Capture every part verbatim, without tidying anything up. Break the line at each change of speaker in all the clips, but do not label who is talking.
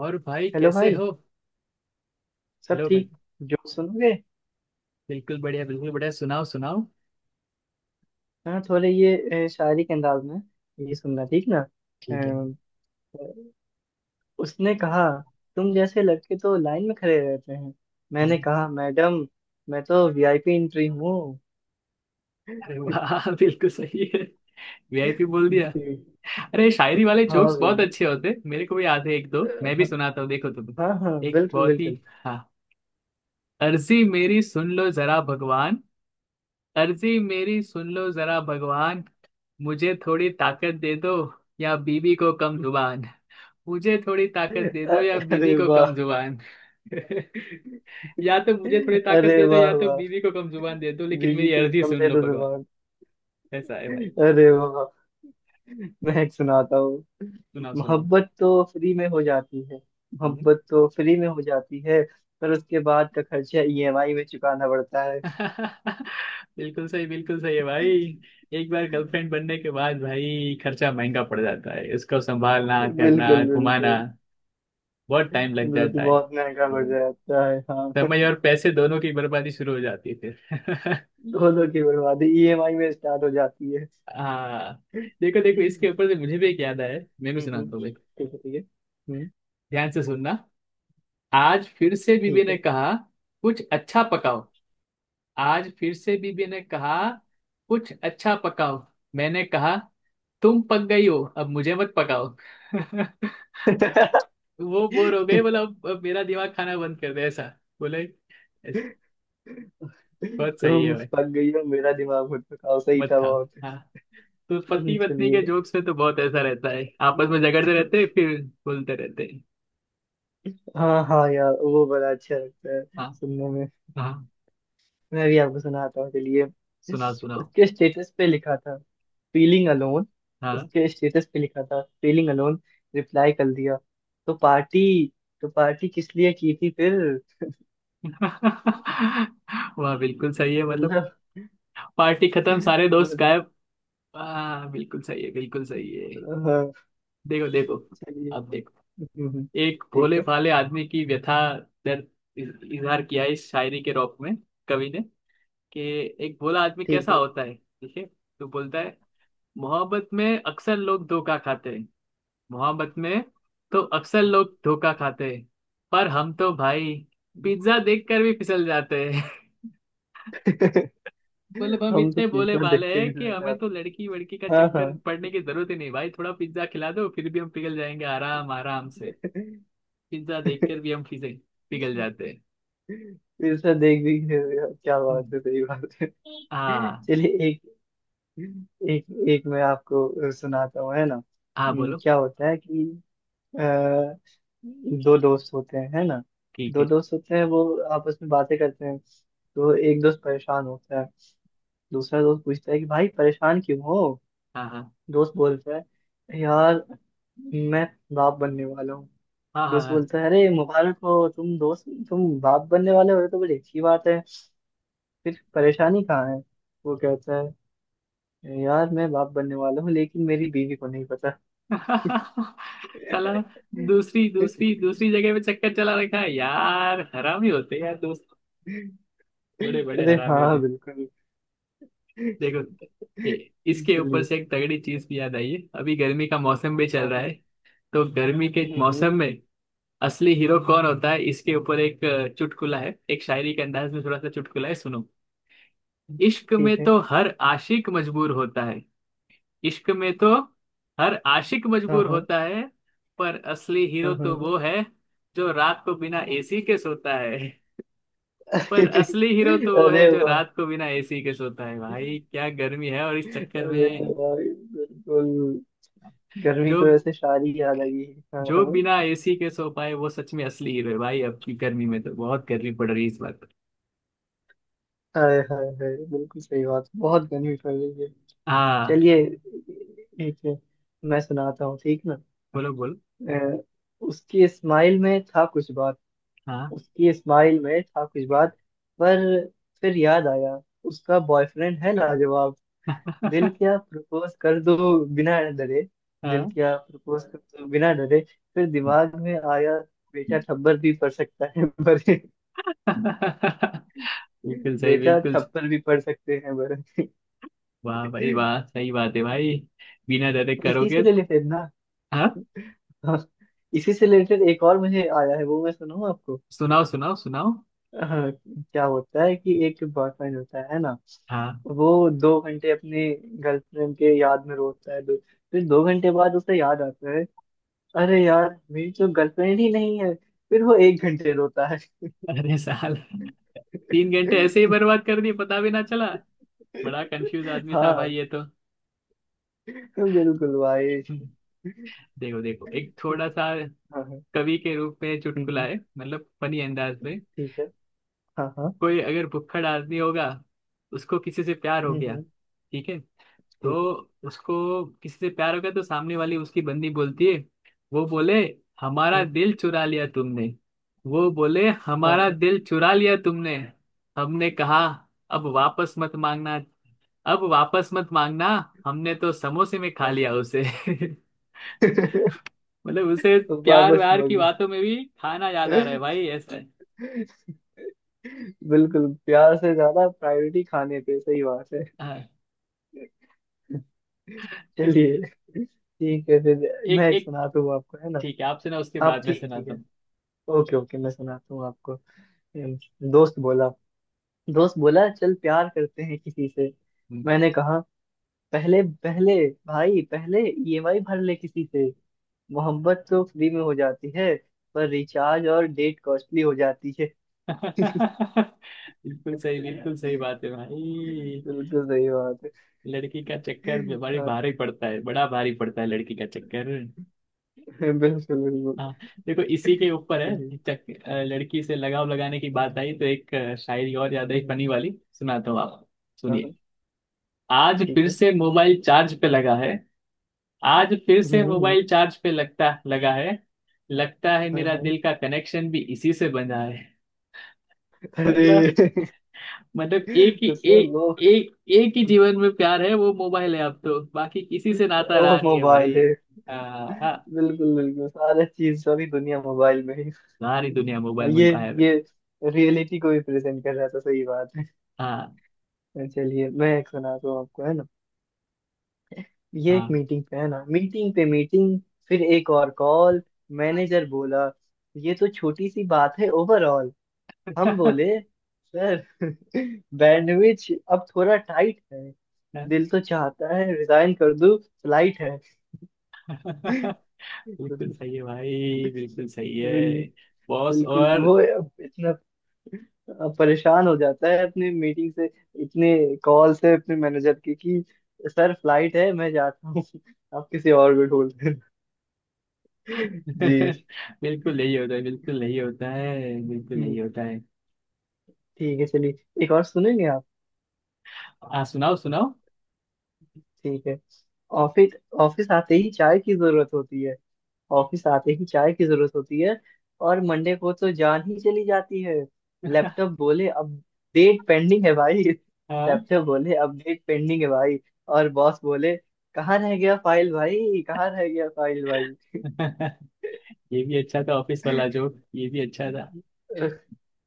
और भाई
हेलो
कैसे
भाई।
हो?
सब
हेलो भाई।
ठीक। जो सुनोगे?
बिल्कुल बढ़िया, बिल्कुल बढ़िया, सुनाओ सुनाओ।
हाँ थोड़े ये, अ, शायरी के अंदाज में ये सुनना, ठीक ना?
ठीक है।
अ, उसने कहा तुम जैसे लड़के तो लाइन में खड़े रहते हैं। मैंने कहा मैडम, मैं तो वीआईपी एंट्री हूँ।
अरे वाह बिल्कुल सही है। वीआईपी बोल दिया।
जी।
अरे शायरी वाले जोक्स
हाँ
बहुत
यार।
अच्छे होते, मेरे को भी याद है, एक दो मैं भी
हाँ
सुनाता हूँ, देखो तुम।
हाँ। हाँ,
एक
बिल्कुल
बहुत ही,
बिल्कुल।
हाँ, अर्जी मेरी सुन लो जरा भगवान। अर्जी मेरी सुन लो जरा भगवान। मुझे थोड़ी ताकत दे दो या बीबी को कम जुबान। मुझे थोड़ी ताकत दे
अ-
दो या बीबी
अरे
को
वाह।
कम जुबान। या तो मुझे थोड़ी ताकत
अरे
दे दो या
वाह
तो
वाह,
बीवी को कम जुबान दे दो, लेकिन
बीवी
मेरी
तुम
अर्जी
कम
सुन
दे
लो
दो
भगवान।
जुबान।
ऐसा है भाई।
अरे वाह, मैं एक सुनाता हूँ।
सुनाओ सुनाओ।
मोहब्बत तो फ्री में हो जाती है,
हम्म,
मोहब्बत तो फ्री में हो जाती है, पर उसके बाद का खर्चा ईएमआई में चुकाना पड़ता है।
बिल्कुल सही, बिल्कुल सही है भाई। एक बार गर्लफ्रेंड बनने के बाद भाई खर्चा महंगा पड़ जाता है, उसको संभालना करना
बिल्कुल
घुमाना
बिल्कुल।
बहुत टाइम लग
बिल्कुल
जाता है।
बहुत महंगा पड़
हम्म।
जाता है, हाँ।
समय और पैसे दोनों की बर्बादी शुरू हो जाती है। फिर
दोनों की बर्बादी ईएमआई में स्टार्ट हो जाती है।
हाँ।
हम्म,
देखो देखो, इसके ऊपर से मुझे भी एक याद आया, मैं भी
हम्म,
सुनाता हूँ, देखो।
ठीक है ठीक है। हम्म,
ध्यान से सुनना। आज फिर से बीबी
ठीक
ने
है।
कहा कुछ अच्छा पकाओ। आज फिर से बीबी ने कहा कुछ अच्छा पकाओ। मैंने कहा तुम पक गई हो, अब मुझे मत पकाओ। वो बोर हो गए, बोला अब अब मेरा दिमाग खाना बंद कर दे, ऐसा बोले। "ऐस- बहुत सही है
तुम
भाई।
पक गई हो, मेरा दिमाग भटका सही
मत
था
खाओ।
बहुत।
हाँ, तो
हम्म,
पति पत्नी के
चलिए।
जोक्स में तो बहुत ऐसा रहता है, आपस में झगड़ते
हाँ।
रहते हैं फिर बोलते रहते हैं।
हाँ हाँ यार, वो बड़ा अच्छा लगता है
हाँ।
सुनने में।
हाँ,
मैं भी आपको सुनाता हूँ चलिए।
सुनाओ सुनाओ।
उसके स्टेटस पे लिखा था फीलिंग अलोन।
हाँ।
उसके स्टेटस पे लिखा था फीलिंग अलोन, रिप्लाई कर दिया, तो पार्टी तो पार्टी किस लिए की थी फिर।
वाह, बिल्कुल सही है। मतलब
मतलब
पार्टी खत्म, सारे दोस्त
मतलब-
गायब। हाँ, बिल्कुल सही है, बिल्कुल सही है।
हाँ,
देखो देखो,
चलिए।
अब देखो,
हम्म, हम्म,
एक
ठीक
भोले
है
भाले आदमी की व्यथा, दर्द इज- इजहार किया है इस शायरी के रौब में कवि ने, कि एक भोला आदमी
ठीक
कैसा
है।
होता है, ठीक है। तो बोलता है, मोहब्बत में अक्सर लोग धोखा खाते हैं। मोहब्बत में तो अक्सर लोग धोखा खाते हैं, पर हम तो भाई पिज्जा देखकर भी फिसल जाते हैं। मतलब हम
हम तो
इतने भोले
पिज्जा
भाले
देख के
हैं
भी
कि
रह
हमें तो
जाते।
लड़की वड़की का
हाँ हाँ।
चक्कर पड़ने की जरूरत ही नहीं भाई, थोड़ा पिज्जा खिला दो, फिर भी हम पिघल जाएंगे आराम आराम से। पिज्जा देखकर भी हम फिजे पिघल जाते हैं।
पिज्जा देख भी रहे हो यार, क्या बात
हम्म,
है, सही बात है।
हाँ।
चलिए, एक एक एक मैं आपको सुनाता हूँ, है ना।
हाँ,
हम्म,
बोलो।
क्या होता है कि अ, दो दोस्त होते हैं, है ना।
ठीक
दो
है।
दोस्त होते हैं, वो आपस में बातें करते हैं। तो एक दोस्त परेशान होता है। दूसरा दोस्त पूछता है कि भाई परेशान क्यों हो?
हाँ हाँ
दोस्त बोलता है यार, मैं बाप बनने वाला हूँ।
हाँ
दोस्त
हाँ
बोलता है अरे मुबारक हो तुम दोस्त, तुम बाप बनने वाले हो ये तो बड़ी अच्छी बात है, फिर परेशानी कहाँ है? वो कहता है यार, मैं बाप बनने वाला हूँ, लेकिन मेरी बीवी को नहीं पता।
हाँ। साला, दूसरी दूसरी दूसरी जगह पे चक्कर चला रखा है, यार हरामी होते हैं यार दोस्त, बड़े बड़े
अरे
हरामी होते
हाँ
हैं।
बिल्कुल।
देखो, ए, इसके ऊपर
चलिए।
से एक तगड़ी चीज भी याद आई है, अभी गर्मी का मौसम भी चल
हाँ
रहा
हाँ।
है। तो गर्मी के
हम्म, हम्म,
मौसम में असली हीरो कौन होता है, इसके ऊपर एक अ, चुटकुला है, एक शायरी के अंदाज में थोड़ा सा चुटकुला है, सुनो। इश्क
ठीक
में
है।
तो हर आशिक मजबूर होता है। इश्क में तो हर आशिक
हाँ
मजबूर
हाँ
होता है, पर असली हीरो
हाँ। हाँ
तो
हाँ।
वो है जो रात को बिना एसी के सोता है। पर असली हीरो तो वो है
अरे
जो
वाह,
रात को बिना एसी के सोता है, भाई क्या गर्मी है, और इस चक्कर
अरे
में
वाह, बिल्कुल।
जो
गर्मी की वजह से शायरी याद आई है। हाँ
जो
हाँ।
बिना एसी के सो पाए वो सच में असली हीरो है भाई। अब की गर्मी में तो बहुत गर्मी पड़ रही है इस बार।
हाय हाय हाय, बिल्कुल सही बात, बहुत गर्मी पड़ रही है।
हाँ,
चलिए, एक मैं सुनाता हूँ, ठीक ना?
बोलो बोलो।
अ, उसकी स्माइल में था कुछ बात।
हाँ।
उसकी स्माइल में था कुछ बात, पर फिर याद आया उसका बॉयफ्रेंड है लाजवाब। दिल क्या प्रपोज कर दो बिना डरे, दिल
हाँ।
क्या प्रपोज कर दो बिना डरे, फिर दिमाग में आया बेटा थप्पड़ भी पड़ सकता है पर।
बिल्कुल सही,
बेटा
बिल्कुल सही।
थप्पड़ भी पड़ सकते हैं पर।
वाह भाई वाह, सही बात है भाई। बिना डरे
इसी
करोगे
से
तो-
रिलेटेड ना।
हाँ,
हाँ, इसी से रिलेटेड एक और मुझे आया है, वो मैं सुनाऊँ आपको।
सुनाओ सुनाओ सुनाओ।
हाँ, क्या होता है कि एक बॉयफ्रेंड होता है ना,
हाँ।
वो दो घंटे अपने गर्लफ्रेंड के याद में रोता है। दो, फिर दो घंटे बाद उसे याद आता है अरे यार मेरी तो गर्लफ्रेंड ही नहीं है, फिर वो एक घंटे रोता है।
अरे साल तीन घंटे ऐसे ही बर्बाद कर दिए, पता भी ना चला। बड़ा कंफ्यूज आदमी था
हाँ
भाई ये तो।
बिल्कुल भाई।
देखो देखो, एक थोड़ा सा
हाँ हाँ।
कवि के रूप में
हम्म, हम्म,
चुटकुला है, मतलब फनी अंदाज में।
ठीक है। हाँ हाँ।
कोई अगर भुक्खड़ आदमी होगा, उसको किसी से प्यार हो
हम्म,
गया,
हम्म,
ठीक है, तो
ठीक है।
उसको किसी से प्यार हो गया तो सामने वाली उसकी बंदी बोलती है। वो बोले हमारा
हम्म।
दिल चुरा लिया तुमने। वो बोले हमारा
हाँ
दिल चुरा लिया तुमने। हमने कहा अब वापस मत मांगना, अब वापस मत मांगना, हमने तो समोसे में खा
हाँ।
लिया उसे। मतलब उसे, प्यार
वापस
व्यार की
मग्न।
बातों में भी खाना याद आ रहा है, भाई ऐसा है।
बिल्कुल, प्यार से ज्यादा प्रायोरिटी खाने पे, सही बात है।
हाँ।
चलिए, ठीक है फिर, मैं
एक
एक
एक,
सुनाता हूँ आपको, है ना।
ठीक है, आपसे ना उसके
आप
बाद में
ठीक है, ठीक
सुनाता
है।
हूँ।
ओके ओके, मैं सुनाता हूँ आपको। हम्म, दोस्त बोला, दोस्त बोला चल प्यार करते हैं किसी से।
हम्म।
मैंने कहा पहले, पहले भाई, पहले ईएमआई भर ले किसी से। मोहब्बत तो फ्री में हो जाती है पर रिचार्ज और डेट कॉस्टली हो जाती है।
बिल्कुल सही, बिल्कुल सही बात है भाई।
बिल्कुल सही बात है।
लड़की का चक्कर भी बड़ी
हाँ,
भारी पड़ता है, बड़ा भारी पड़ता है लड़की का चक्कर।
बिल्कुल बिल्कुल।
हाँ, देखो, इसी के ऊपर
चलिए।
है चक, अ, लड़की से लगाव लगाने की
हम्म,
बात आई, तो एक अ, शायरी और ज्यादा ही
हम्म।
फनी वाली सुनाता हूँ आप,
हाँ
सुनिए।
हाँ।
आज
ठीक
फिर
है।
से मोबाइल चार्ज पे लगा है। आज फिर से
हम्म हम्म।
मोबाइल चार्ज पे लगता लगा है। लगता है
हाँ
मेरा
हाँ।
दिल का कनेक्शन भी इसी से बंधा है।
अरे।
मतलब, मतलब एक ही
उसमें वो
एक एक एक ही जीवन में प्यार है, वो मोबाइल है, अब तो बाकी किसी से नाता
वो
रहा नहीं है
मोबाइल
भाई।
है।
आ,
बिल्कुल बिल्कुल, सारा चीज, सारी दुनिया मोबाइल में ही।
सारी दुनिया मोबाइल
और
में
ये
गायब है।
ये रियलिटी को भी प्रेजेंट कर रहा था, सही बात
हाँ
है। चलिए, मैं एक सुनाता हूँ आपको, है ना। ये एक
हाँ।
मीटिंग पे है ना, मीटिंग पे मीटिंग, फिर एक और कॉल। मैनेजर बोला ये तो छोटी सी बात है ओवरऑल। हम बोले सर, बैंडविड्थ अब थोड़ा टाइट है, दिल तो चाहता है रिजाइन कर दूं, फ्लाइट है।
बिल्कुल
मतलब,
सही है भाई, बिल्कुल सही है। बॉस
बिल्कुल
और
वो इतना परेशान हो जाता है अपने मीटिंग से, इतने कॉल से अपने मैनेजर के कि सर फ्लाइट है, मैं जाता हूँ, आप किसी और को ढूंढ लेना। जी।
बिल्कुल यही होता है, बिल्कुल यही होता है, बिल्कुल यही
हम्म,
होता है।
ठीक है। चलिए एक और सुनेंगे आप?
हाँ, सुनाओ सुनाओ।
ठीक है। ऑफिस, ऑफिस आते ही चाय की जरूरत होती है। ऑफिस आते ही चाय की जरूरत होती है और मंडे को तो जान ही चली जाती है। लैपटॉप बोले अपडेट पेंडिंग है भाई,
हाँ।
लैपटॉप बोले अपडेट पेंडिंग है भाई, और बॉस बोले कहाँ रह गया फाइल भाई, कहाँ रह गया फाइल भाई।
ये भी अच्छा था, ऑफिस वाला जोक ये भी अच्छा था।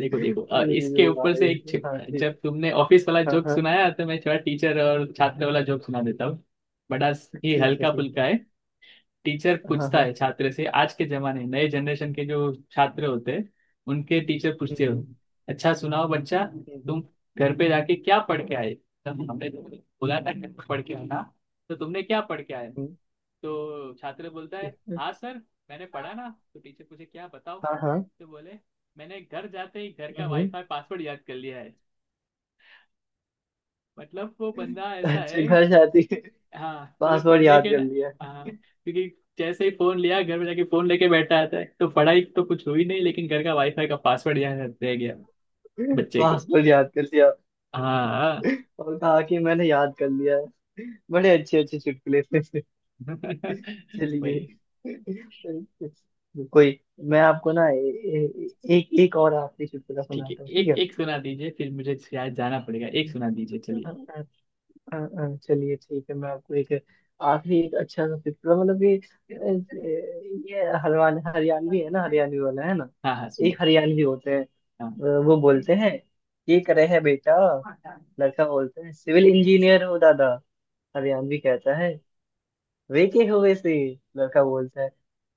देखो देखो, अ, इसके ऊपर
भाई
से एक
हाँ
छ-
ठीक।
जब तुमने ऑफिस वाला
हाँ
जोक
हाँ।
सुनाया तो मैं थोड़ा टीचर और छात्र
हाँ,
वाला जोक सुना देता हूँ। बड़ा ही
ठीक है
हल्का
ठीक है।
फुल्का। टीचर
हाँ
पूछता
हाँ।
है छात्र से, आज के जमाने नए जनरेशन
हम्म,
के जो छात्र होते हैं उनके टीचर पूछते हो,
हम्म,
अच्छा सुनाओ बच्चा,
हम्म, हम्म,
तुम घर पे जाके क्या पढ़ के आए, तब हमने बोला था घर पे पढ़ के आना, तो तुमने क्या पढ़ के आए?
हम्म,
तो छात्र बोलता है,
ठीक है।
हाँ सर मैंने पढ़ा, ना तो टीचर पूछे क्या बताओ,
हाँ हाँ।
तो बोले मैंने घर जाते ही घर का
हम्म
वाईफाई पासवर्ड याद कर लिया है। मतलब वो बंदा
हम्म।
ऐसा
अच्छा
है
घर
छो,
जाती है।
हाँ, बोले
पासवर्ड
पढ़ने
याद
के
कर
ना,
लिया।
हाँ, क्योंकि जैसे ही फोन लिया, घर में जाके फोन लेके बैठा रहता है, तो पढ़ाई तो कुछ हुई नहीं, लेकिन घर का वाईफाई का पासवर्ड यहाँ रह गया बच्चे को।
पासवर्ड याद कर लिया।
हाँ।
और कहा कि मैंने याद कर लिया है। बड़े अच्छे अच्छे चुटकुले थे। चलिए,
वही,
कोई, मैं आपको ना, ए, ए, एक, एक और आखिरी चुटकुला
ठीक है,
सुनाता हूँ, ठीक
एक
है।
एक सुना दीजिए फिर, मुझे शायद जाना पड़ेगा, एक सुना दीजिए,
अ,
चलिए।
अ, अ, अ, चलिए ठीक है, मैं आपको एक आखिरी एक अच्छा सा चुटकुला, मतलब ये, अ, ये हरवान हरियाणवी है ना, हरियाणवी वाला है ना।
हाँ हाँ सुन,
एक हरियाणवी होते हैं।
हाँ।
अ, वो बोलते हैं ये करे है बेटा। लड़का बोलते हैं सिविल इंजीनियर हो दादा। हरियाणवी कहता है वे के हो वैसे? लड़का बोलता है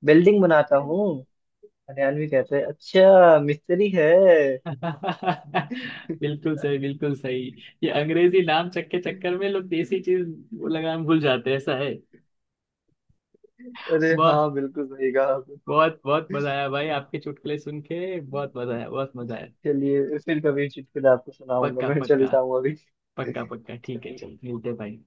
बिल्डिंग बनाता हूँ। हरियाणवी कहता है अच्छा मिस्त्री है।
बिल्कुल सही, बिल्कुल सही। ये अंग्रेजी नाम चक्के चक्कर में लोग देसी चीज लगाम भूल जाते हैं ऐसा
अरे
है।
हाँ, बिल्कुल सही कहा आपने।
बहुत बहुत मजा आया भाई, आपके चुटकुले सुन के बहुत मजा आया, बहुत मजा आया।
चलिए, फिर कभी चुटकुला आपको सुनाऊंगा,
पक्का
मैं
पक्का,
चलता हूँ अभी।
पक्का पक्का, ठीक है,
चलिए।
चल मिलते हैं भाई।